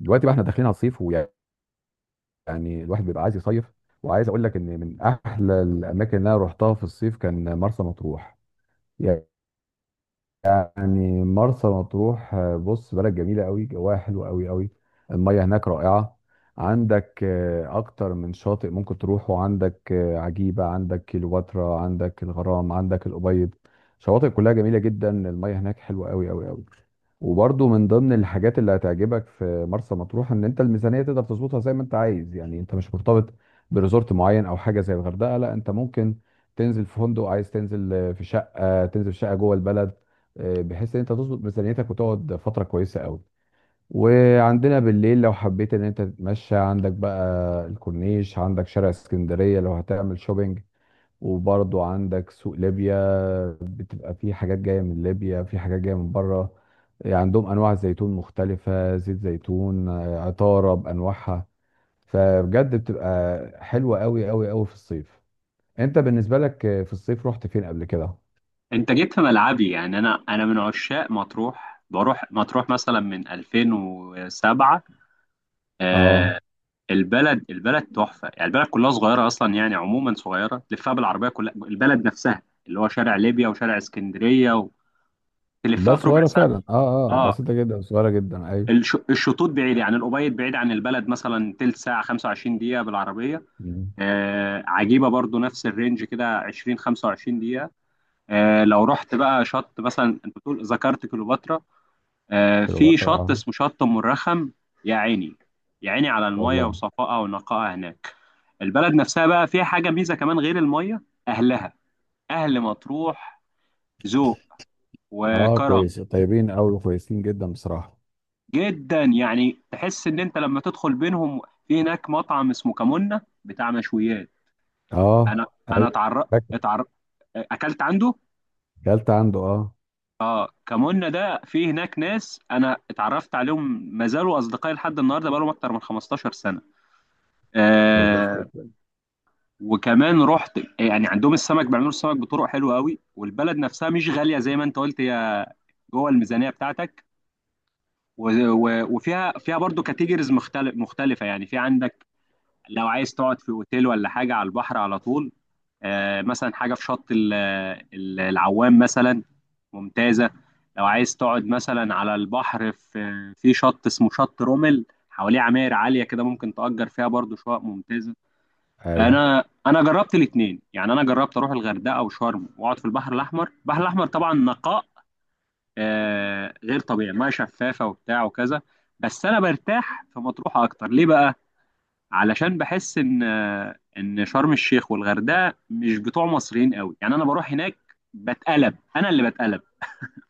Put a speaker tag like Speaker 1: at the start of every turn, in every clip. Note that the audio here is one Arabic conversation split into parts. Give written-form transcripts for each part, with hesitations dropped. Speaker 1: دلوقتي بقى احنا داخلين على الصيف ويعني الواحد بيبقى عايز يصيف. وعايز اقول لك ان من احلى الاماكن اللي انا رحتها في الصيف كان مرسى مطروح. يعني مرسى مطروح، بص بلد جميلة قوي، جواها حلو قوي قوي. المية هناك رائعة. عندك أكتر من شاطئ ممكن تروحه، عندك عجيبة، عندك كيلوباترا، عندك الغرام، عندك الأبيض. شواطئ كلها جميلة جدا، المية هناك حلوة قوي قوي قوي. وبرضه من ضمن الحاجات اللي هتعجبك في مرسى مطروح إن أنت الميزانية تقدر تظبطها زي ما أنت عايز. يعني أنت مش مرتبط بريزورت معين أو حاجة زي الغردقة، لا أنت ممكن تنزل في فندق، عايز تنزل في شقة تنزل في شقة جوه البلد، بحيث ان انت تظبط ميزانيتك وتقعد فتره كويسه قوي. وعندنا بالليل لو حبيت ان انت تتمشى، عندك بقى الكورنيش، عندك شارع اسكندريه لو هتعمل شوبينج، وبرضو عندك سوق ليبيا. بتبقى فيه حاجات جايه من ليبيا، في حاجات جايه من بره. عندهم انواع زيتون مختلفه، زيت زيتون، عطاره بانواعها. فبجد بتبقى حلوه قوي قوي قوي في الصيف. انت بالنسبه لك في الصيف رحت فين قبل كده؟
Speaker 2: انت جيت في ملعبي. يعني انا من عشاق مطروح، بروح مطروح مثلا من 2007. آه،
Speaker 1: اه.
Speaker 2: البلد تحفه يعني. البلد كلها صغيره اصلا، يعني عموما صغيره تلفها بالعربيه كلها البلد نفسها، اللي هو شارع ليبيا وشارع اسكندريه، وتلفها
Speaker 1: بس
Speaker 2: في ربع
Speaker 1: صغيرة
Speaker 2: ساعه.
Speaker 1: فعلا، اه اه،
Speaker 2: اه،
Speaker 1: بسيطة جدا، صغيرة جدا، ايوه.
Speaker 2: الشطوط بعيد، يعني الأبيض بعيد عن البلد، مثلا تلت ساعه، 25 دقيقه بالعربيه.
Speaker 1: مم.
Speaker 2: آه، عجيبه برضو، نفس الرينج كده، 20 25 دقيقه. آه، لو رحت بقى شط مثلا، انت بتقول ذكرت كليوباترا، آه، في
Speaker 1: كليوباترا،
Speaker 2: شط
Speaker 1: اه.
Speaker 2: اسمه شط أم الرخم. يا عيني، يا عيني على المية
Speaker 1: والله.
Speaker 2: وصفائها ونقائها هناك. البلد نفسها بقى فيها حاجة ميزة كمان غير المية، أهلها، أهل مطروح، ذوق
Speaker 1: اه
Speaker 2: وكرم
Speaker 1: كويس، طيبين قوي وكويسين جدا بصراحة.
Speaker 2: جدا. يعني تحس إن أنت لما تدخل بينهم. في هناك مطعم اسمه كمونة، بتاع مشويات.
Speaker 1: اه،
Speaker 2: أنا أنا
Speaker 1: ايوه،
Speaker 2: اتعر
Speaker 1: فاكر.
Speaker 2: اتعر أكلت عنده.
Speaker 1: اكلت عنده، اه.
Speaker 2: اه، كمونة ده. في هناك ناس انا اتعرفت عليهم ما زالوا اصدقائي لحد النهارده، بقالهم اكتر من 15 سنه.
Speaker 1: كويس
Speaker 2: آه،
Speaker 1: جدا.
Speaker 2: وكمان رحت، يعني عندهم السمك، بيعملوا السمك بطرق حلوه قوي، والبلد نفسها مش غاليه زي ما انت قلت، هي جوه الميزانيه بتاعتك. وفيها برضو كاتيجوريز مختلفه يعني. في عندك لو عايز تقعد في اوتيل ولا حاجه على البحر على طول، آه، مثلا حاجه في شط العوام مثلا، ممتازه. لو عايز تقعد مثلا على البحر، في شط اسمه شط رومل، حواليه عماير عاليه كده، ممكن تأجر فيها برضو شقق ممتازه.
Speaker 1: ايوه.
Speaker 2: انا جربت الاثنين، يعني انا جربت اروح الغردقه وشرم، واقعد في البحر الاحمر. البحر الاحمر طبعا نقاء آه غير طبيعي، ميه شفافه وبتاع وكذا. بس انا برتاح في مطروح اكتر. ليه بقى؟ علشان بحس ان شرم الشيخ والغردقه مش بتوع مصريين قوي، يعني انا بروح هناك بتقلب، انا اللي بتقلب،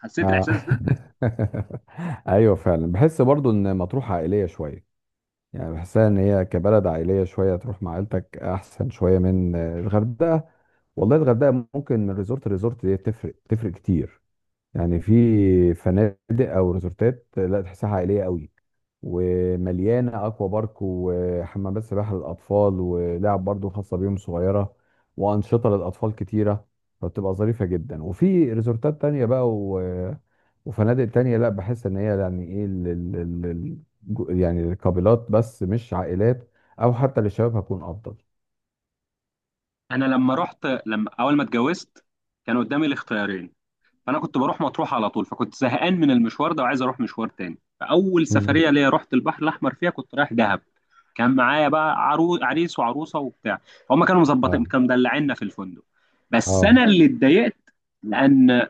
Speaker 2: حسيت
Speaker 1: اه.
Speaker 2: الاحساس ده.
Speaker 1: ايوه فعلا بحس برضو ان مطروح عائلية شوية. يعني بحسها ان هي كبلد عائلية شوية، تروح مع عيلتك احسن شوية من الغردقة. والله الغردقة ممكن من ريزورت لريزورت دي تفرق كتير. يعني في فنادق او ريزورتات لا، تحسها عائليه قوي، ومليانه اكوا بارك وحمامات سباحه للاطفال ولعب برضو خاصه بيهم صغيره، وانشطه للاطفال كتيره، فبتبقى ظريفه جدا. وفي ريزورتات تانية بقى وفنادق تانية لا، بحس ان هي يعني ايه يعني الكابلات بس مش عائلات، او حتى للشباب هتكون افضل.
Speaker 2: انا لما اول ما اتجوزت كان قدامي الاختيارين. فانا كنت بروح مطروح على طول، فكنت زهقان من المشوار ده، وعايز اروح مشوار تاني، فاول
Speaker 1: مم.
Speaker 2: سفريه ليا رحت البحر الاحمر فيها، كنت رايح دهب. كان معايا بقى عريس وعروسه وبتاع، فهم كانوا مظبطين،
Speaker 1: اه
Speaker 2: كانوا مدلعيننا في الفندق، بس
Speaker 1: اه.
Speaker 2: انا اللي اتضايقت، لان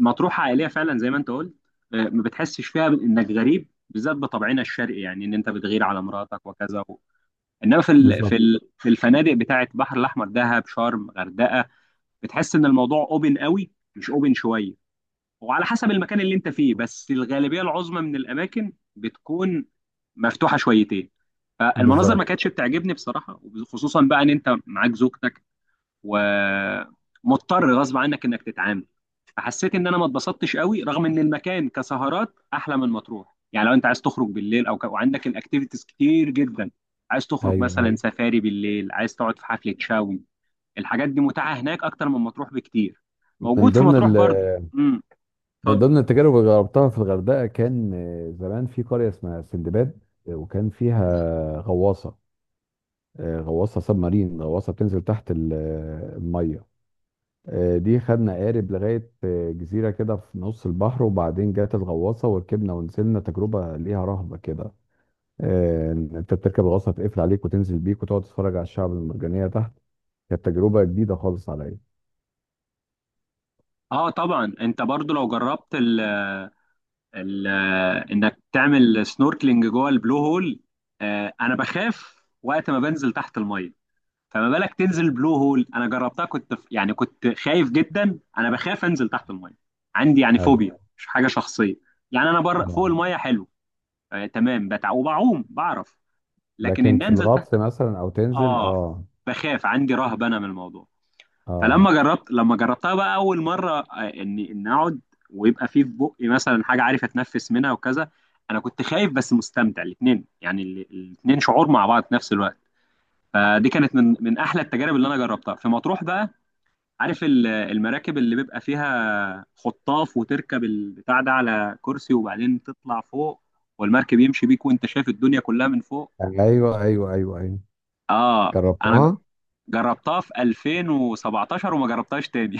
Speaker 2: مطروح عائليه فعلا زي ما انت قلت، آه، ما بتحسش فيها انك غريب، بالذات بطبعنا الشرقي، يعني ان انت بتغير على مراتك وكذا و... انما
Speaker 1: بالظبط.
Speaker 2: في الفنادق بتاعه البحر الاحمر، دهب شرم غردقه، بتحس ان الموضوع اوبن قوي، مش اوبن شويه، وعلى حسب المكان اللي انت فيه، بس الغالبيه العظمى من الاماكن بتكون مفتوحه شويتين. المناظر ما
Speaker 1: بالظبط.
Speaker 2: كانتش بتعجبني بصراحه، خصوصا بقى ان انت معاك زوجتك، ومضطر غصب عنك انك تتعامل. فحسيت ان انا ما اتبسطتش قوي، رغم ان المكان كسهرات احلى من مطروح، يعني لو انت عايز تخرج بالليل او وعندك الاكتيفيتيز كتير جدا، عايز تخرج
Speaker 1: ايوه
Speaker 2: مثلا
Speaker 1: ايوه.
Speaker 2: سفاري بالليل، عايز تقعد في حفله شاوي، الحاجات دي متاحه هناك اكتر من مطروح بكتير.
Speaker 1: من
Speaker 2: موجود في
Speaker 1: ضمن
Speaker 2: مطروح
Speaker 1: ال
Speaker 2: برضو.
Speaker 1: من
Speaker 2: اتفضل.
Speaker 1: ضمن التجارب اللي جربتها في الغردقة كان زمان في قرية اسمها سندباد، وكان فيها غواصة، غواصة سب مارين، غواصة بتنزل تحت المية. دي خدنا قارب لغاية جزيرة كده في نص البحر، وبعدين جت الغواصة وركبنا ونزلنا. تجربة ليها رهبة كده، إن انت بتركب غواصة تقفل عليك وتنزل بيك وتقعد تتفرج على الشعب المرجانية تحت. كانت تجربة جديدة خالص عليا.
Speaker 2: اه، طبعا انت برضو لو جربت ال ال انك تعمل سنوركلينج جوه البلو هول، آه، انا بخاف وقت ما بنزل تحت الميه، فما بالك تنزل بلو هول. انا جربتها، كنت في، يعني كنت خايف جدا. انا بخاف انزل تحت الميه، عندي يعني
Speaker 1: ايوه.
Speaker 2: فوبيا، مش حاجه شخصيه. يعني انا بره فوق
Speaker 1: اه.
Speaker 2: الميه حلو، آه، تمام، بتع وبعوم بعرف، لكن
Speaker 1: لكن
Speaker 2: ان
Speaker 1: في
Speaker 2: انزل
Speaker 1: الغطس
Speaker 2: تحت،
Speaker 1: مثلا او تنزل،
Speaker 2: اه،
Speaker 1: اه.
Speaker 2: بخاف، عندي رهبه انا من الموضوع.
Speaker 1: اه.
Speaker 2: فلما جربت لما جربتها بقى اول مره، آه، اني ان اقعد، ويبقى في بقي مثلا حاجه عارف اتنفس منها وكذا، انا كنت خايف بس مستمتع، الاثنين يعني، الاثنين شعور مع بعض في نفس الوقت. فدي كانت من احلى التجارب اللي انا جربتها في مطروح. بقى عارف المراكب اللي بيبقى فيها خطاف، وتركب البتاع ده على كرسي، وبعدين تطلع فوق، والمركب يمشي بيك وانت شايف الدنيا كلها من فوق؟
Speaker 1: ايوه ايوه ايوه ايوه.
Speaker 2: اه، انا
Speaker 1: جربتها.
Speaker 2: جربتها في 2017، وما جربتهاش تاني.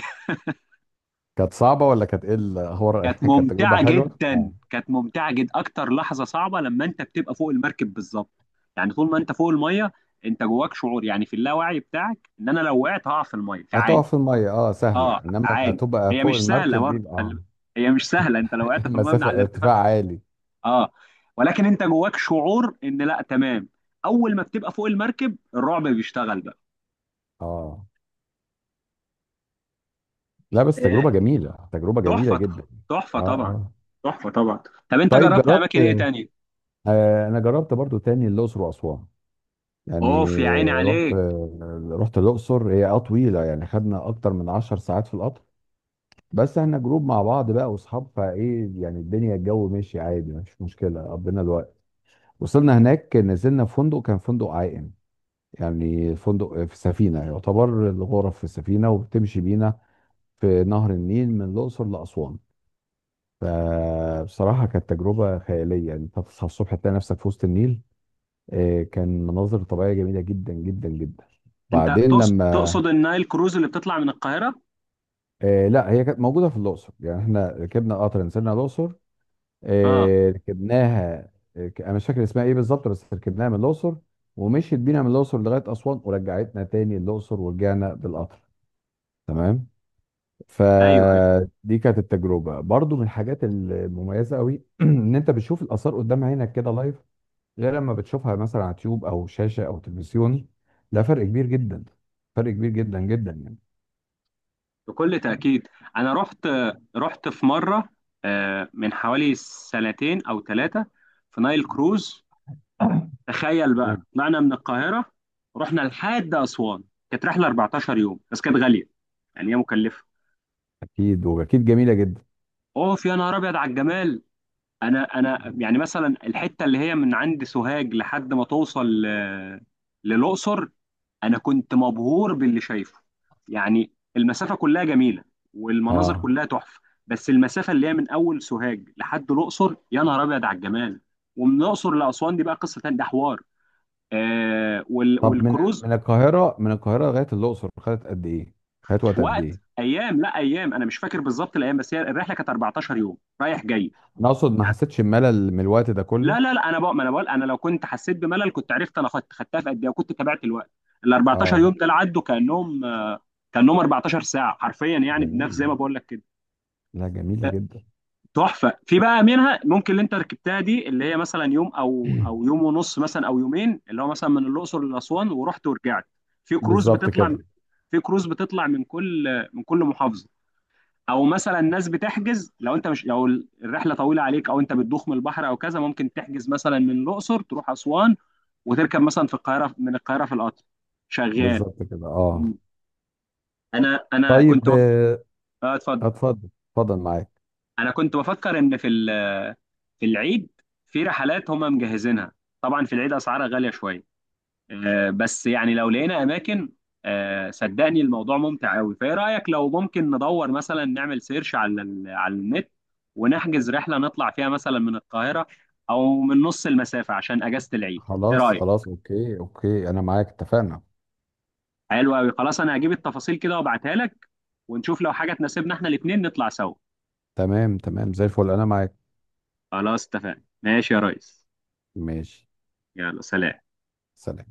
Speaker 1: كانت صعبه ولا كانت ايه الاخبار؟
Speaker 2: كانت
Speaker 1: كانت تجربه
Speaker 2: ممتعة
Speaker 1: حلوه،
Speaker 2: جدا،
Speaker 1: اه.
Speaker 2: كانت ممتعة جدا. أكتر لحظة صعبة لما أنت بتبقى فوق المركب بالظبط، يعني طول ما أنت فوق المية، أنت جواك شعور، يعني في اللاوعي بتاعك، إن أنا لو وقعت هقع في المية فعادي.
Speaker 1: هتقف في الميه، اه،
Speaker 2: أه
Speaker 1: سهله، انما ما
Speaker 2: عادي،
Speaker 1: تبقى
Speaker 2: هي
Speaker 1: فوق
Speaker 2: مش سهلة
Speaker 1: المركب دي
Speaker 2: برضه،
Speaker 1: يبقى اه.
Speaker 2: هي مش سهلة، أنت لو وقعت في المية من
Speaker 1: مسافه
Speaker 2: على الارتفاع،
Speaker 1: ارتفاع عالي.
Speaker 2: أه، ولكن أنت جواك شعور إن لا تمام. أول ما بتبقى فوق المركب الرعب بيشتغل بقى.
Speaker 1: اه. لا بس تجربه
Speaker 2: آه،
Speaker 1: جميله، تجربه جميله
Speaker 2: تحفة،
Speaker 1: جدا.
Speaker 2: تحفة
Speaker 1: اه
Speaker 2: طبعا،
Speaker 1: اه.
Speaker 2: تحفة طبعا. طب أنت
Speaker 1: طيب
Speaker 2: جربت
Speaker 1: جربت.
Speaker 2: أماكن إيه تاني؟
Speaker 1: آه انا جربت برضو تاني الاقصر واسوان. يعني
Speaker 2: أوف يا عيني
Speaker 1: رحت،
Speaker 2: عليك.
Speaker 1: رحت الاقصر، هي اه طويله يعني، خدنا اكتر من 10 ساعات في القطر. بس احنا جروب مع بعض بقى واصحاب، فايه يعني الدنيا، الجو ماشي عادي، مفيش مشكله، قضينا الوقت. وصلنا هناك نزلنا في فندق، كان فندق عائم، يعني فندق في سفينه، يعتبر الغرف في سفينه وبتمشي بينا في نهر النيل من الاقصر لاسوان. فبصراحه كانت تجربه خياليه، يعني انت تصحى الصبح تلاقي نفسك في وسط النيل. كان مناظر طبيعيه جميله جدا جدا جدا.
Speaker 2: انت
Speaker 1: بعدين
Speaker 2: تقصد
Speaker 1: لما
Speaker 2: تقصد النايل كروز اللي بتطلع من القاهره؟
Speaker 1: لا هي كانت موجوده في الاقصر، يعني احنا ركبنا قطر نزلنا الاقصر،
Speaker 2: اه،
Speaker 1: ركبناها. انا مش فاكر اسمها ايه بالظبط، بس ركبناها من الاقصر ومشيت بينا من الاقصر لغايه اسوان ورجعتنا تاني الاقصر ورجعنا بالقطر. تمام.
Speaker 2: ايوه ايوه،
Speaker 1: فدي كانت التجربه برضو من الحاجات المميزه قوي، ان انت بتشوف الاثار قدام عينك كده لايف، غير لما بتشوفها مثلا على تيوب او شاشه او تلفزيون. ده فرق كبير جدا، فرق كبير جدا جدا يعني.
Speaker 2: بكل تاكيد. انا رحت في مره، آه، من حوالي سنتين او ثلاثه، في نايل كروز. تخيل بقى،
Speaker 1: تمام.
Speaker 2: طلعنا من القاهره، رحنا لحد اسوان. كانت رحله 14 يوم، بس كانت غاليه، يعني هي مكلفه.
Speaker 1: اكيد واكيد جميله جدا.
Speaker 2: اوف يا نهار ابيض على الجمال. انا يعني مثلا الحته اللي هي من عند سوهاج لحد ما توصل آه، للاقصر، انا كنت مبهور باللي شايفه، يعني المسافه كلها جميله، والمناظر
Speaker 1: اه.
Speaker 2: كلها تحفه، بس المسافه اللي هي من اول سوهاج لحد الاقصر، يا نهار ابيض على الجمال. ومن الاقصر لاسوان دي بقى قصه تانية، ده حوار. آه،
Speaker 1: طب من،
Speaker 2: والكروز،
Speaker 1: من القاهره، من القاهره لغايه الاقصر خدت قد ايه؟ خدت وقت قد
Speaker 2: وقت
Speaker 1: ايه؟
Speaker 2: ايام، لا ايام، انا مش فاكر بالظبط الايام، بس هي الرحله كانت 14 يوم رايح جاي
Speaker 1: انا اقصد ما
Speaker 2: يعني.
Speaker 1: حسيتش بملل من الوقت ده
Speaker 2: لا
Speaker 1: كله؟
Speaker 2: لا لا، انا بقى، ما انا بقول، انا لو كنت حسيت بملل كنت عرفت انا خدتها في قد ايه، وكنت تابعت الوقت. ال 14
Speaker 1: اه.
Speaker 2: يوم دول عدوا كانهم 14 ساعه حرفيا، يعني بنفس زي
Speaker 1: جميلة.
Speaker 2: ما بقول لك كده.
Speaker 1: لا جميلة جدا.
Speaker 2: تحفه. في بقى منها ممكن اللي انت ركبتها دي، اللي هي مثلا يوم، او يوم ونص مثلا، او يومين، اللي هو مثلا من الاقصر لاسوان ورحت ورجعت. في كروز
Speaker 1: بالظبط
Speaker 2: بتطلع
Speaker 1: كده.
Speaker 2: في كروز بتطلع من كل محافظه، او مثلا ناس بتحجز، لو انت مش لو الرحله طويله عليك، او انت بتدوخ من البحر او كذا، ممكن تحجز مثلا من الاقصر تروح اسوان، وتركب مثلا في القاهره من القاهره في القطر شغال.
Speaker 1: بالظبط كده، اه.
Speaker 2: مم. انا كنت
Speaker 1: طيب
Speaker 2: اه اتفضل.
Speaker 1: اتفضل. اتفضل معاك.
Speaker 2: انا كنت بفكر ان في العيد في رحلات هم مجهزينها، طبعا في العيد اسعارها غاليه شويه، آه، بس يعني لو لقينا اماكن، آه، صدقني الموضوع ممتع قوي. فايه رايك لو ممكن ندور مثلا، نعمل سيرش على النت، ونحجز رحله نطلع فيها مثلا من القاهره، او من نص المسافه عشان اجازه العيد. ايه
Speaker 1: خلاص
Speaker 2: رايك؟
Speaker 1: خلاص، اوكي اوكي، انا معاك، اتفقنا.
Speaker 2: حلو قوي. خلاص، انا هجيب التفاصيل كده وابعتها لك، ونشوف لو حاجه تناسبنا احنا الاثنين نطلع سوا.
Speaker 1: تمام تمام، زي الفل، انا معاك.
Speaker 2: خلاص اتفقنا. ماشي يا ريس.
Speaker 1: ماشي.
Speaker 2: يلا سلام.
Speaker 1: سلام.